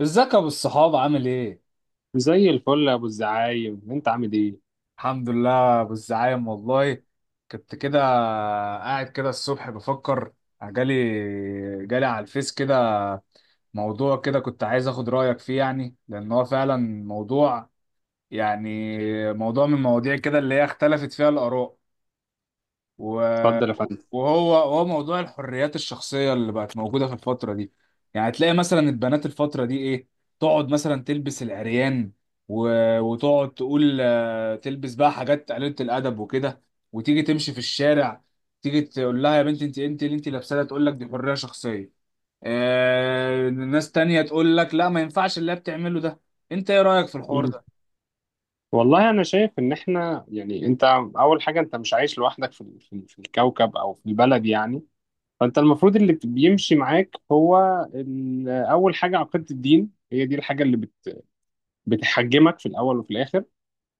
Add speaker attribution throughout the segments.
Speaker 1: ازيك يا ابو الصحاب عامل ايه؟
Speaker 2: زي الفل يا ابو الزعايم، انت عامل ايه؟
Speaker 1: الحمد لله ابو الزعايم والله. كنت كده قاعد كده الصبح بفكر، جالي جالي على الفيس كده موضوع كده. كنت عايز اخد رأيك فيه، يعني لان هو فعلا موضوع، يعني موضوع من المواضيع كده اللي هي اختلفت فيها الآراء. و-
Speaker 2: اتفضل يا فندم.
Speaker 1: وهو موضوع الحريات الشخصية اللي بقت موجودة في الفترة دي. يعني تلاقي مثلا البنات الفترة دي ايه، تقعد مثلا تلبس العريان و... وتقعد تقول تلبس بقى حاجات قليلة الأدب وكده، وتيجي تمشي في الشارع، تيجي تقول لها يا بنتي انت اللي انت لابسة ده، تقول لك دي حرية شخصية. ناس تانية تقول لك لا، ما ينفعش اللي هي بتعمله ده. انت ايه رأيك في الحوار
Speaker 2: مم.
Speaker 1: ده؟
Speaker 2: والله انا شايف ان احنا، يعني انت، اول حاجه انت مش عايش لوحدك في الكوكب او في البلد يعني. فانت المفروض اللي بيمشي معاك هو اول حاجه عقيده الدين، هي دي الحاجه اللي بتحجمك في الاول وفي الاخر.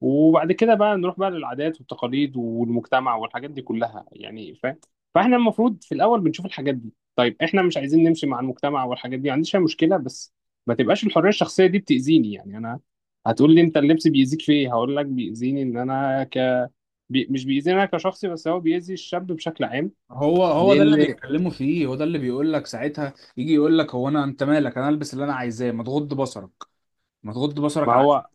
Speaker 2: وبعد كده بقى نروح بقى للعادات والتقاليد والمجتمع والحاجات دي كلها، يعني فاهم. فاحنا المفروض في الاول بنشوف الحاجات دي. طيب احنا مش عايزين نمشي مع المجتمع والحاجات دي، ما عنديش أي مشكله، بس ما تبقاش الحريه الشخصيه دي بتاذيني، يعني انا. هتقول لي انت اللبس بيأذيك في ايه؟ هقول لك بيأذيني ان انا مش بيأذيني انا كشخصي، بس هو بيأذي الشاب بشكل عام.
Speaker 1: هو ده اللي
Speaker 2: لان
Speaker 1: بيتكلموا فيه، هو ده اللي بيقول لك ساعتها، يجي يقول لك هو انا انت مالك، انا البس اللي انا عايزاه، ما تغض بصرك، ما تغض
Speaker 2: ما
Speaker 1: بصرك عني.
Speaker 2: هو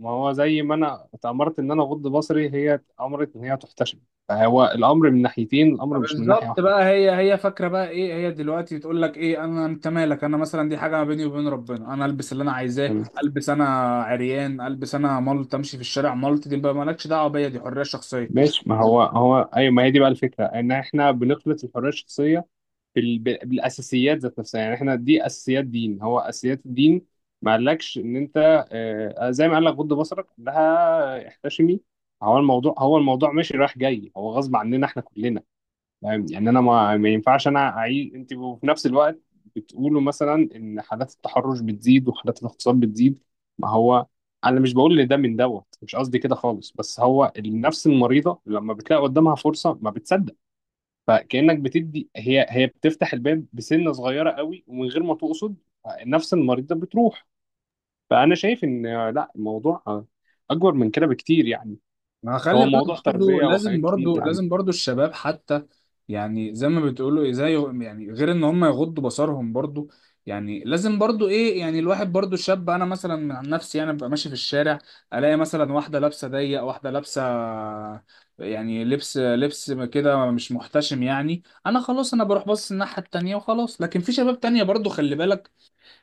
Speaker 2: ما هو زي ما انا اتأمرت ان انا اغض بصري، هي اتأمرت ان هي تحتشم. فهو الامر من ناحيتين، الامر مش من ناحيه
Speaker 1: بالظبط
Speaker 2: واحده.
Speaker 1: بقى. هي فاكره بقى ايه، هي دلوقتي بتقول لك ايه، انا انت مالك، انا مثلا دي حاجه ما بيني وبين ربنا، انا البس اللي انا عايزاه، البس انا عريان، البس انا ملط، امشي في الشارع ملط، دي بقى مالكش دعوه بيا، دي حريه شخصيه.
Speaker 2: ماشي. ما هو ايوه، ما هي دي بقى الفكره، ان احنا بنخلط الحريه الشخصيه بالاساسيات ذات نفسها. يعني احنا دي اساسيات دين، هو اساسيات الدين. ما قالكش ان انت، زي ما قال لك غض بصرك، لها احتشمي. هو الموضوع ماشي رايح جاي، هو غصب عننا احنا كلنا. يعني انا ما ينفعش انا اعيش انت، وفي نفس الوقت بتقولوا مثلا ان حالات التحرش بتزيد وحالات الاغتصاب بتزيد. ما هو انا مش بقول ان ده من دوت، مش قصدي كده خالص، بس هو النفس المريضه لما بتلاقي قدامها فرصه ما بتصدق. فكانك بتدي، هي بتفتح الباب بسنه صغيره قوي ومن غير ما تقصد، النفس المريضه بتروح. فانا شايف ان لا، الموضوع اكبر من كده بكتير يعني.
Speaker 1: ما
Speaker 2: هو
Speaker 1: خلي بالك
Speaker 2: موضوع
Speaker 1: برضو،
Speaker 2: تربيه
Speaker 1: لازم
Speaker 2: وحاجات كتير
Speaker 1: برضو،
Speaker 2: يعني.
Speaker 1: لازم برضو الشباب حتى، يعني زي ما بتقولوا ايه، زي يعني غير ان هم يغضوا بصرهم برضو، يعني لازم برضو ايه، يعني الواحد برضو الشاب. انا مثلا عن نفسي انا ببقى ماشي في الشارع، الاقي مثلا واحده لابسه ضيق، واحده لابسه يعني لبس كده مش محتشم. يعني انا خلاص انا بروح باصص الناحيه التانيه وخلاص، لكن في شباب تانيه برضو خلي بالك،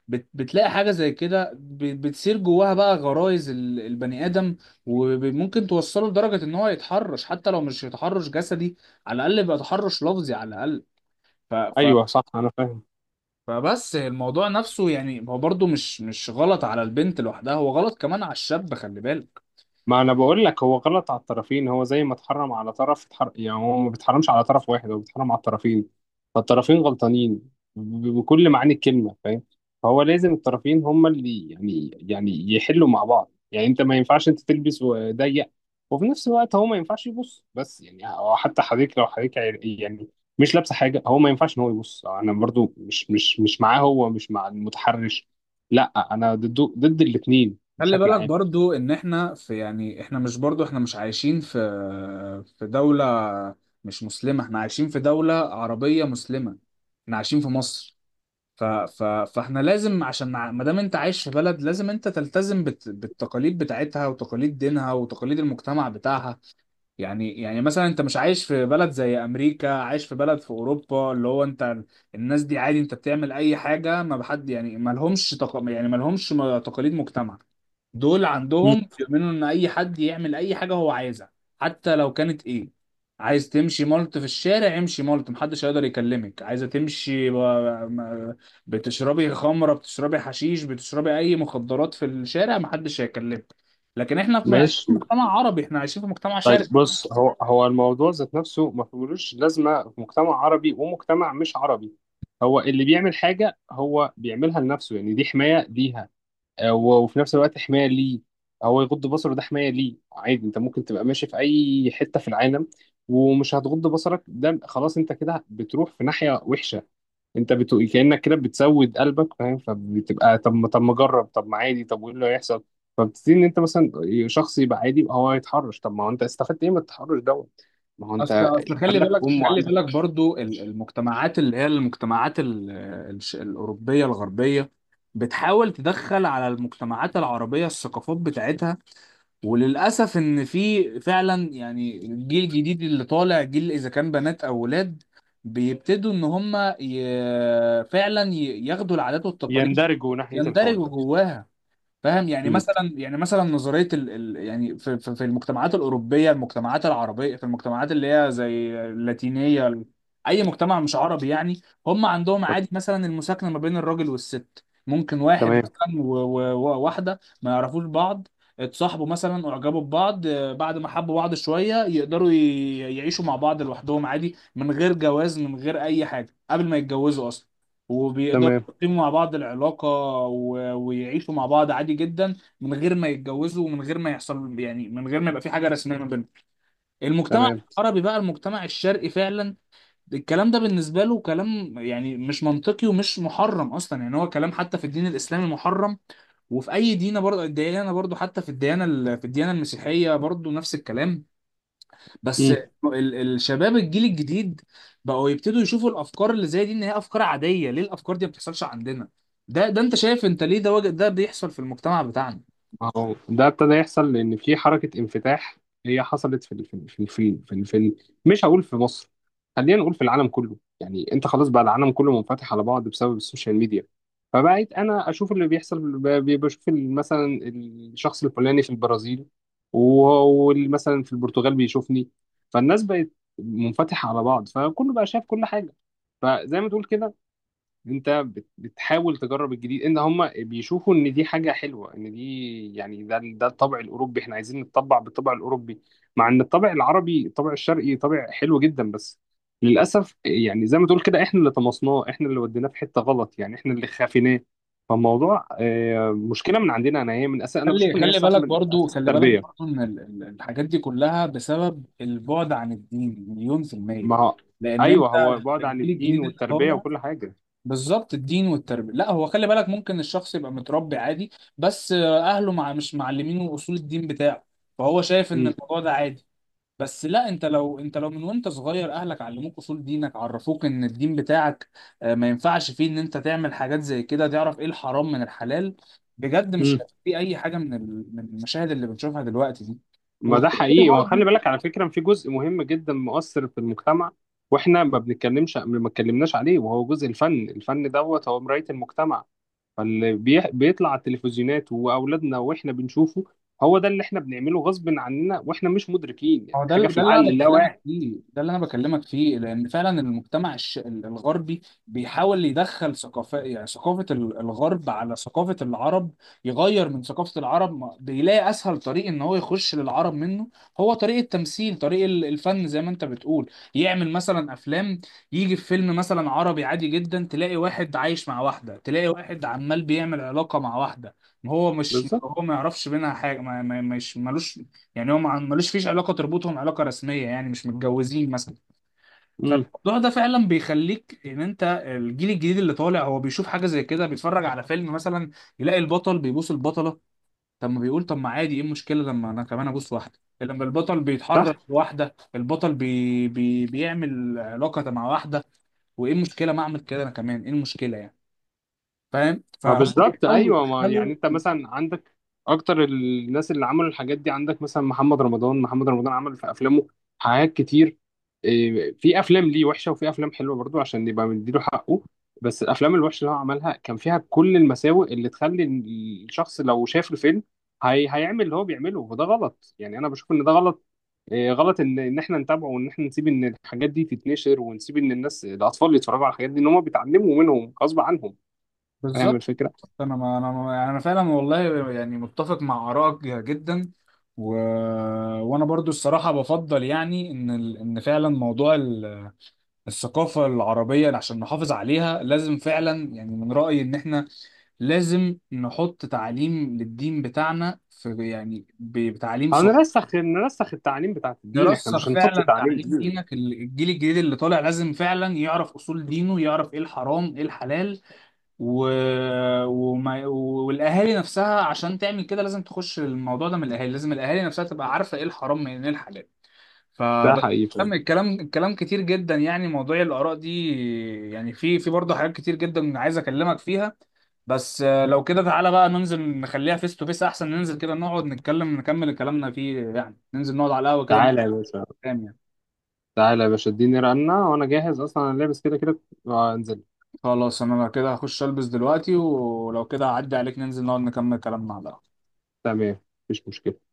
Speaker 1: بتلاقي حاجة زي كده بتصير جواها بقى غرائز البني آدم، وممكن توصله لدرجة إن هو يتحرش، حتى لو مش يتحرش جسدي، على الأقل يبقى تحرش لفظي على الأقل. ف... ف...
Speaker 2: ايوه صح، انا فاهم.
Speaker 1: فبس الموضوع نفسه، يعني هو برضه مش غلط على البنت لوحدها، هو غلط كمان على الشاب، خلي بالك.
Speaker 2: ما انا بقول لك هو غلط على الطرفين. هو زي ما اتحرم على طرف يعني، هو ما بيتحرمش على طرف واحد، هو بيتحرم على الطرفين. فالطرفين غلطانين بكل معاني الكلمة، فاهم. فهو لازم الطرفين هما اللي، يعني يحلوا مع بعض. يعني انت ما ينفعش انت تلبس وضيق، وفي نفس الوقت هو ما ينفعش يبص. بس يعني هو، حتى حضرتك لو حضرتك يعني مش لابسه حاجه، هو ما ينفعش ان هو يبص. انا برضو مش معاه، هو مش مع المتحرش. لا انا ضده، ضد الاثنين
Speaker 1: خلي
Speaker 2: بشكل
Speaker 1: بالك
Speaker 2: عام.
Speaker 1: برضو ان احنا في، يعني احنا مش برضو، احنا مش عايشين في في دولة مش مسلمة، احنا عايشين في دولة عربية مسلمة، احنا عايشين في مصر. فاحنا لازم عشان ما دام انت عايش في بلد، لازم انت تلتزم بالتقاليد بتاعتها وتقاليد دينها وتقاليد المجتمع بتاعها. يعني مثلا انت مش عايش في بلد زي امريكا، عايش في بلد في اوروبا اللي هو انت، الناس دي عادي، انت بتعمل اي حاجه ما بحد، يعني ما لهمش يعني ما لهمش تقاليد مجتمع. دول
Speaker 2: مم.
Speaker 1: عندهم بيؤمنوا ان اي حد يعمل اي حاجه هو عايزها، حتى لو كانت ايه، عايز تمشي ملط في الشارع، امشي ملط، محدش هيقدر يكلمك، عايزه تمشي بتشربي خمره، بتشربي حشيش، بتشربي اي مخدرات في الشارع، محدش هيكلمك. لكن احنا عايشين
Speaker 2: ماشي.
Speaker 1: في مجتمع عربي، احنا عايشين في مجتمع
Speaker 2: طيب
Speaker 1: شرقي.
Speaker 2: بص، هو الموضوع ذات نفسه ما فيهوش لازمه في مجتمع عربي ومجتمع مش عربي. هو اللي بيعمل حاجه هو بيعملها لنفسه، يعني دي حمايه ليها وفي نفس الوقت حمايه ليه. هو يغض بصره ده حمايه ليه. عادي انت ممكن تبقى ماشي في اي حته في العالم، ومش هتغض بصرك، ده خلاص انت كده بتروح في ناحيه وحشه. انت بتقول، كأنك كده بتسود قلبك، فاهم؟ فبتبقى، طب ما، طب ما اجرب، طب ما عادي، طب وايه اللي هيحصل؟ فبتبتدي ان انت مثلا شخص يبقى عادي، يبقى هو يتحرش. طب ما هو انت استفدت ايه من التحرش دوت؟ ما هو
Speaker 1: اصل
Speaker 2: انت
Speaker 1: خلي
Speaker 2: عندك
Speaker 1: بالك،
Speaker 2: ام
Speaker 1: خلي
Speaker 2: وعندك.
Speaker 1: بالك برضو المجتمعات اللي هي المجتمعات الاوروبيه الغربيه بتحاول تدخل على المجتمعات العربيه الثقافات بتاعتها. وللاسف ان في فعلا، يعني الجيل الجديد اللي طالع، جيل اذا كان بنات او ولاد، بيبتدوا ان هم فعلا ياخدوا العادات والتقاليد،
Speaker 2: يندرجوا ناحية الحوار
Speaker 1: يندرجوا
Speaker 2: ده.
Speaker 1: جواها. فاهم يعني
Speaker 2: امم.
Speaker 1: مثلا، يعني مثلا نظريه ال ال يعني في المجتمعات الاوروبيه، المجتمعات العربيه، في المجتمعات اللي هي زي اللاتينيه، اي مجتمع مش عربي يعني. هم عندهم عادي مثلا المساكنه ما بين الراجل والست، ممكن واحد
Speaker 2: تمام.
Speaker 1: مثلا وواحده ما يعرفوش بعض، اتصاحبوا مثلا، اعجبوا ببعض، بعد ما حبوا بعض شويه، يقدروا يعيشوا مع بعض لوحدهم عادي، من غير جواز، من غير اي حاجه قبل ما يتجوزوا اصلا، وبيقدروا
Speaker 2: تمام.
Speaker 1: يقيموا مع بعض العلاقة، ويعيشوا مع بعض عادي جدا من غير ما يتجوزوا، ومن غير ما يحصل يعني، من غير ما يبقى في حاجة رسمية ما بينهم. المجتمع
Speaker 2: تمام.
Speaker 1: العربي بقى، المجتمع الشرقي فعلا، الكلام ده بالنسبة له كلام يعني مش منطقي ومش محرم أصلا، يعني هو كلام حتى في الدين الإسلامي محرم، وفي أي دينة برضه، الديانة برضه حتى في الديانة في الديانة المسيحية برضه نفس الكلام. بس
Speaker 2: مم.
Speaker 1: الشباب الجيل الجديد بقوا يبتدوا يشوفوا الافكار اللي زي دي ان هي افكار عاديه. ليه الافكار دي ما بتحصلش عندنا؟ ده انت شايف انت ليه ده ده بيحصل في المجتمع بتاعنا؟
Speaker 2: ما هو ده ابتدى يحصل لان في حركه انفتاح. هي حصلت في ال- في ال- في ال- في ال- في ال- في ال- مش هقول في مصر، خلينا نقول في العالم كله. يعني انت خلاص بقى، العالم كله منفتح على بعض بسبب السوشيال ميديا. فبقيت انا اشوف اللي بيحصل، بشوف مثلا الشخص الفلاني في البرازيل، ومثلا في البرتغال بيشوفني. فالناس بقت منفتحه على بعض، فكله بقى شايف كل حاجه. فزي ما تقول كده، انت بتحاول تجرب الجديد. ان هم بيشوفوا ان دي حاجه حلوه، ان دي يعني ده الطبع الاوروبي، احنا عايزين نتطبع بالطبع الاوروبي. مع ان الطبع العربي، الطبع الشرقي، طبع حلو جدا. بس للاسف، يعني زي ما تقول كده، احنا اللي طمسناه، احنا اللي وديناه في حته غلط، يعني احنا اللي خافيناه. فالموضوع مشكله من عندنا انا، هي من اساس، انا بشوف
Speaker 1: خلي
Speaker 2: ان هي صح
Speaker 1: بالك
Speaker 2: من
Speaker 1: برضو،
Speaker 2: اساس
Speaker 1: خلي بالك
Speaker 2: التربيه.
Speaker 1: برضو ان الحاجات دي كلها بسبب البعد عن الدين مليون في المية.
Speaker 2: ما هو
Speaker 1: لان
Speaker 2: ايوه،
Speaker 1: انت
Speaker 2: هو بعد عن
Speaker 1: الجيل
Speaker 2: الدين
Speaker 1: الجديد اللي
Speaker 2: والتربيه
Speaker 1: طالع،
Speaker 2: وكل حاجه.
Speaker 1: بالظبط الدين والتربية. لا هو خلي بالك ممكن الشخص يبقى متربي عادي، بس اهله مش معلمينه اصول الدين بتاعه، فهو شايف ان الموضوع ده عادي. بس لا، انت لو انت من وانت صغير اهلك علموك اصول دينك، عرفوك ان الدين بتاعك ما ينفعش فيه ان انت تعمل حاجات زي كده، تعرف ايه الحرام من الحلال، بجد مش
Speaker 2: امم.
Speaker 1: هيبقى في اي حاجه من من المشاهد اللي بنشوفها دلوقتي دي.
Speaker 2: ما ده
Speaker 1: وغير كده
Speaker 2: حقيقي. وخلي
Speaker 1: برضه،
Speaker 2: بالك على فكرة، في جزء مهم جدا مؤثر في المجتمع، واحنا ما بنتكلمش، ما اتكلمناش عليه، وهو جزء الفن. الفن دوت هو مراية المجتمع. فاللي بيطلع على التلفزيونات واولادنا واحنا بنشوفه، هو ده اللي احنا بنعمله غصب عننا واحنا مش مدركين، يعني
Speaker 1: هو ده
Speaker 2: حاجة في
Speaker 1: اللي انا
Speaker 2: العقل
Speaker 1: بكلمك
Speaker 2: اللاواعي.
Speaker 1: فيه، ده اللي انا بكلمك فيه، لان فعلا المجتمع الغربي بيحاول يدخل ثقافه، يعني ثقافه الغرب على ثقافه العرب، يغير من ثقافه العرب. بيلاقي اسهل طريق ان هو يخش للعرب منه، هو طريق التمثيل، طريق الفن، زي ما انت بتقول، يعمل مثلا افلام. يجي في فيلم مثلا عربي عادي جدا، تلاقي واحد عايش مع واحده، تلاقي واحد عمال بيعمل علاقه مع واحده، هو مش
Speaker 2: بالظبط.
Speaker 1: هو ما يعرفش بينها حاجه، مش ملوش، يعني هو ملوش فيش علاقه تربطهم علاقه رسميه، يعني مش متجوزين مثلا.
Speaker 2: امم.
Speaker 1: فالموضوع ده فعلا بيخليك ان انت الجيل الجديد اللي طالع، هو بيشوف حاجه زي كده، بيتفرج على فيلم مثلا، يلاقي البطل بيبوس البطله، طب ما بيقول طب ما عادي، ايه المشكله لما انا كمان ابوس واحده، لما البطل بيتحرك لواحده، البطل بي بي بيعمل علاقه مع واحده، وايه المشكله ما اعمل كده انا كمان، ايه المشكله يعني؟ فاهم،
Speaker 2: ما
Speaker 1: فهم
Speaker 2: بالظبط،
Speaker 1: بيحاولوا
Speaker 2: ايوه. ما يعني
Speaker 1: يدخلوا
Speaker 2: انت مثلا عندك اكتر الناس اللي عملوا الحاجات دي، عندك مثلا محمد رمضان. عمل في افلامه حاجات كتير. إيه، في افلام ليه وحشه، وفي افلام حلوه برضو عشان نبقى مديله حقه. بس الافلام الوحشه اللي هو عملها كان فيها كل المساوئ اللي تخلي الشخص لو شاف الفيلم، هي هيعمل اللي هو بيعمله. وده غلط، يعني انا بشوف ان ده غلط. إيه، غلط ان احنا نتابعه، وان احنا نسيب ان الحاجات دي تتنشر، ونسيب ان الناس الاطفال يتفرجوا على الحاجات دي، ان هم بيتعلموا منهم غصب عنهم. فاهم
Speaker 1: بالظبط.
Speaker 2: الفكره.
Speaker 1: انا ما يعني انا فعلا والله يعني متفق مع ارائك جدا، و... وانا برضو الصراحه بفضل يعني ان ان فعلا موضوع الثقافه العربيه، عشان نحافظ عليها لازم فعلا، يعني من رايي ان احنا لازم نحط تعليم للدين بتاعنا في، يعني بتعليم صلب.
Speaker 2: نرسخ التعاليم بتاعت الدين. احنا مش
Speaker 1: نرسخ
Speaker 2: هنحط
Speaker 1: فعلا
Speaker 2: تعاليم
Speaker 1: تعليم
Speaker 2: ديني.
Speaker 1: دينك، الجيل الجديد اللي طالع لازم فعلا يعرف اصول دينه، يعرف ايه الحرام ايه الحلال، و... والاهالي نفسها عشان تعمل كده لازم تخش الموضوع ده من الاهالي، لازم الاهالي نفسها تبقى عارفه ايه الحرام من ايه الحلال.
Speaker 2: ده
Speaker 1: فبس
Speaker 2: حقيقي فعلا.
Speaker 1: الكلام الكلام كتير جدا يعني، موضوع الآراء دي يعني، في برضه حاجات كتير جدا عايز أكلمك فيها. بس لو كده تعالى بقى ننزل نخليها فيس تو فيس أحسن، ننزل كده نقعد نتكلم نكمل كلامنا فيه، يعني ننزل نقعد على القهوة كده
Speaker 2: تعالى يا باشا.
Speaker 1: نتكلم يعني.
Speaker 2: تعالى يا باشا، اديني رنة وانا جاهز اصلا، انا لابس كده كده. آه، انزل.
Speaker 1: خلاص أنا كده هخش ألبس دلوقتي، ولو كده هعدي عليك، ننزل نقعد نكمل كلامنا على القهوة.
Speaker 2: تمام، مفيش مشكلة.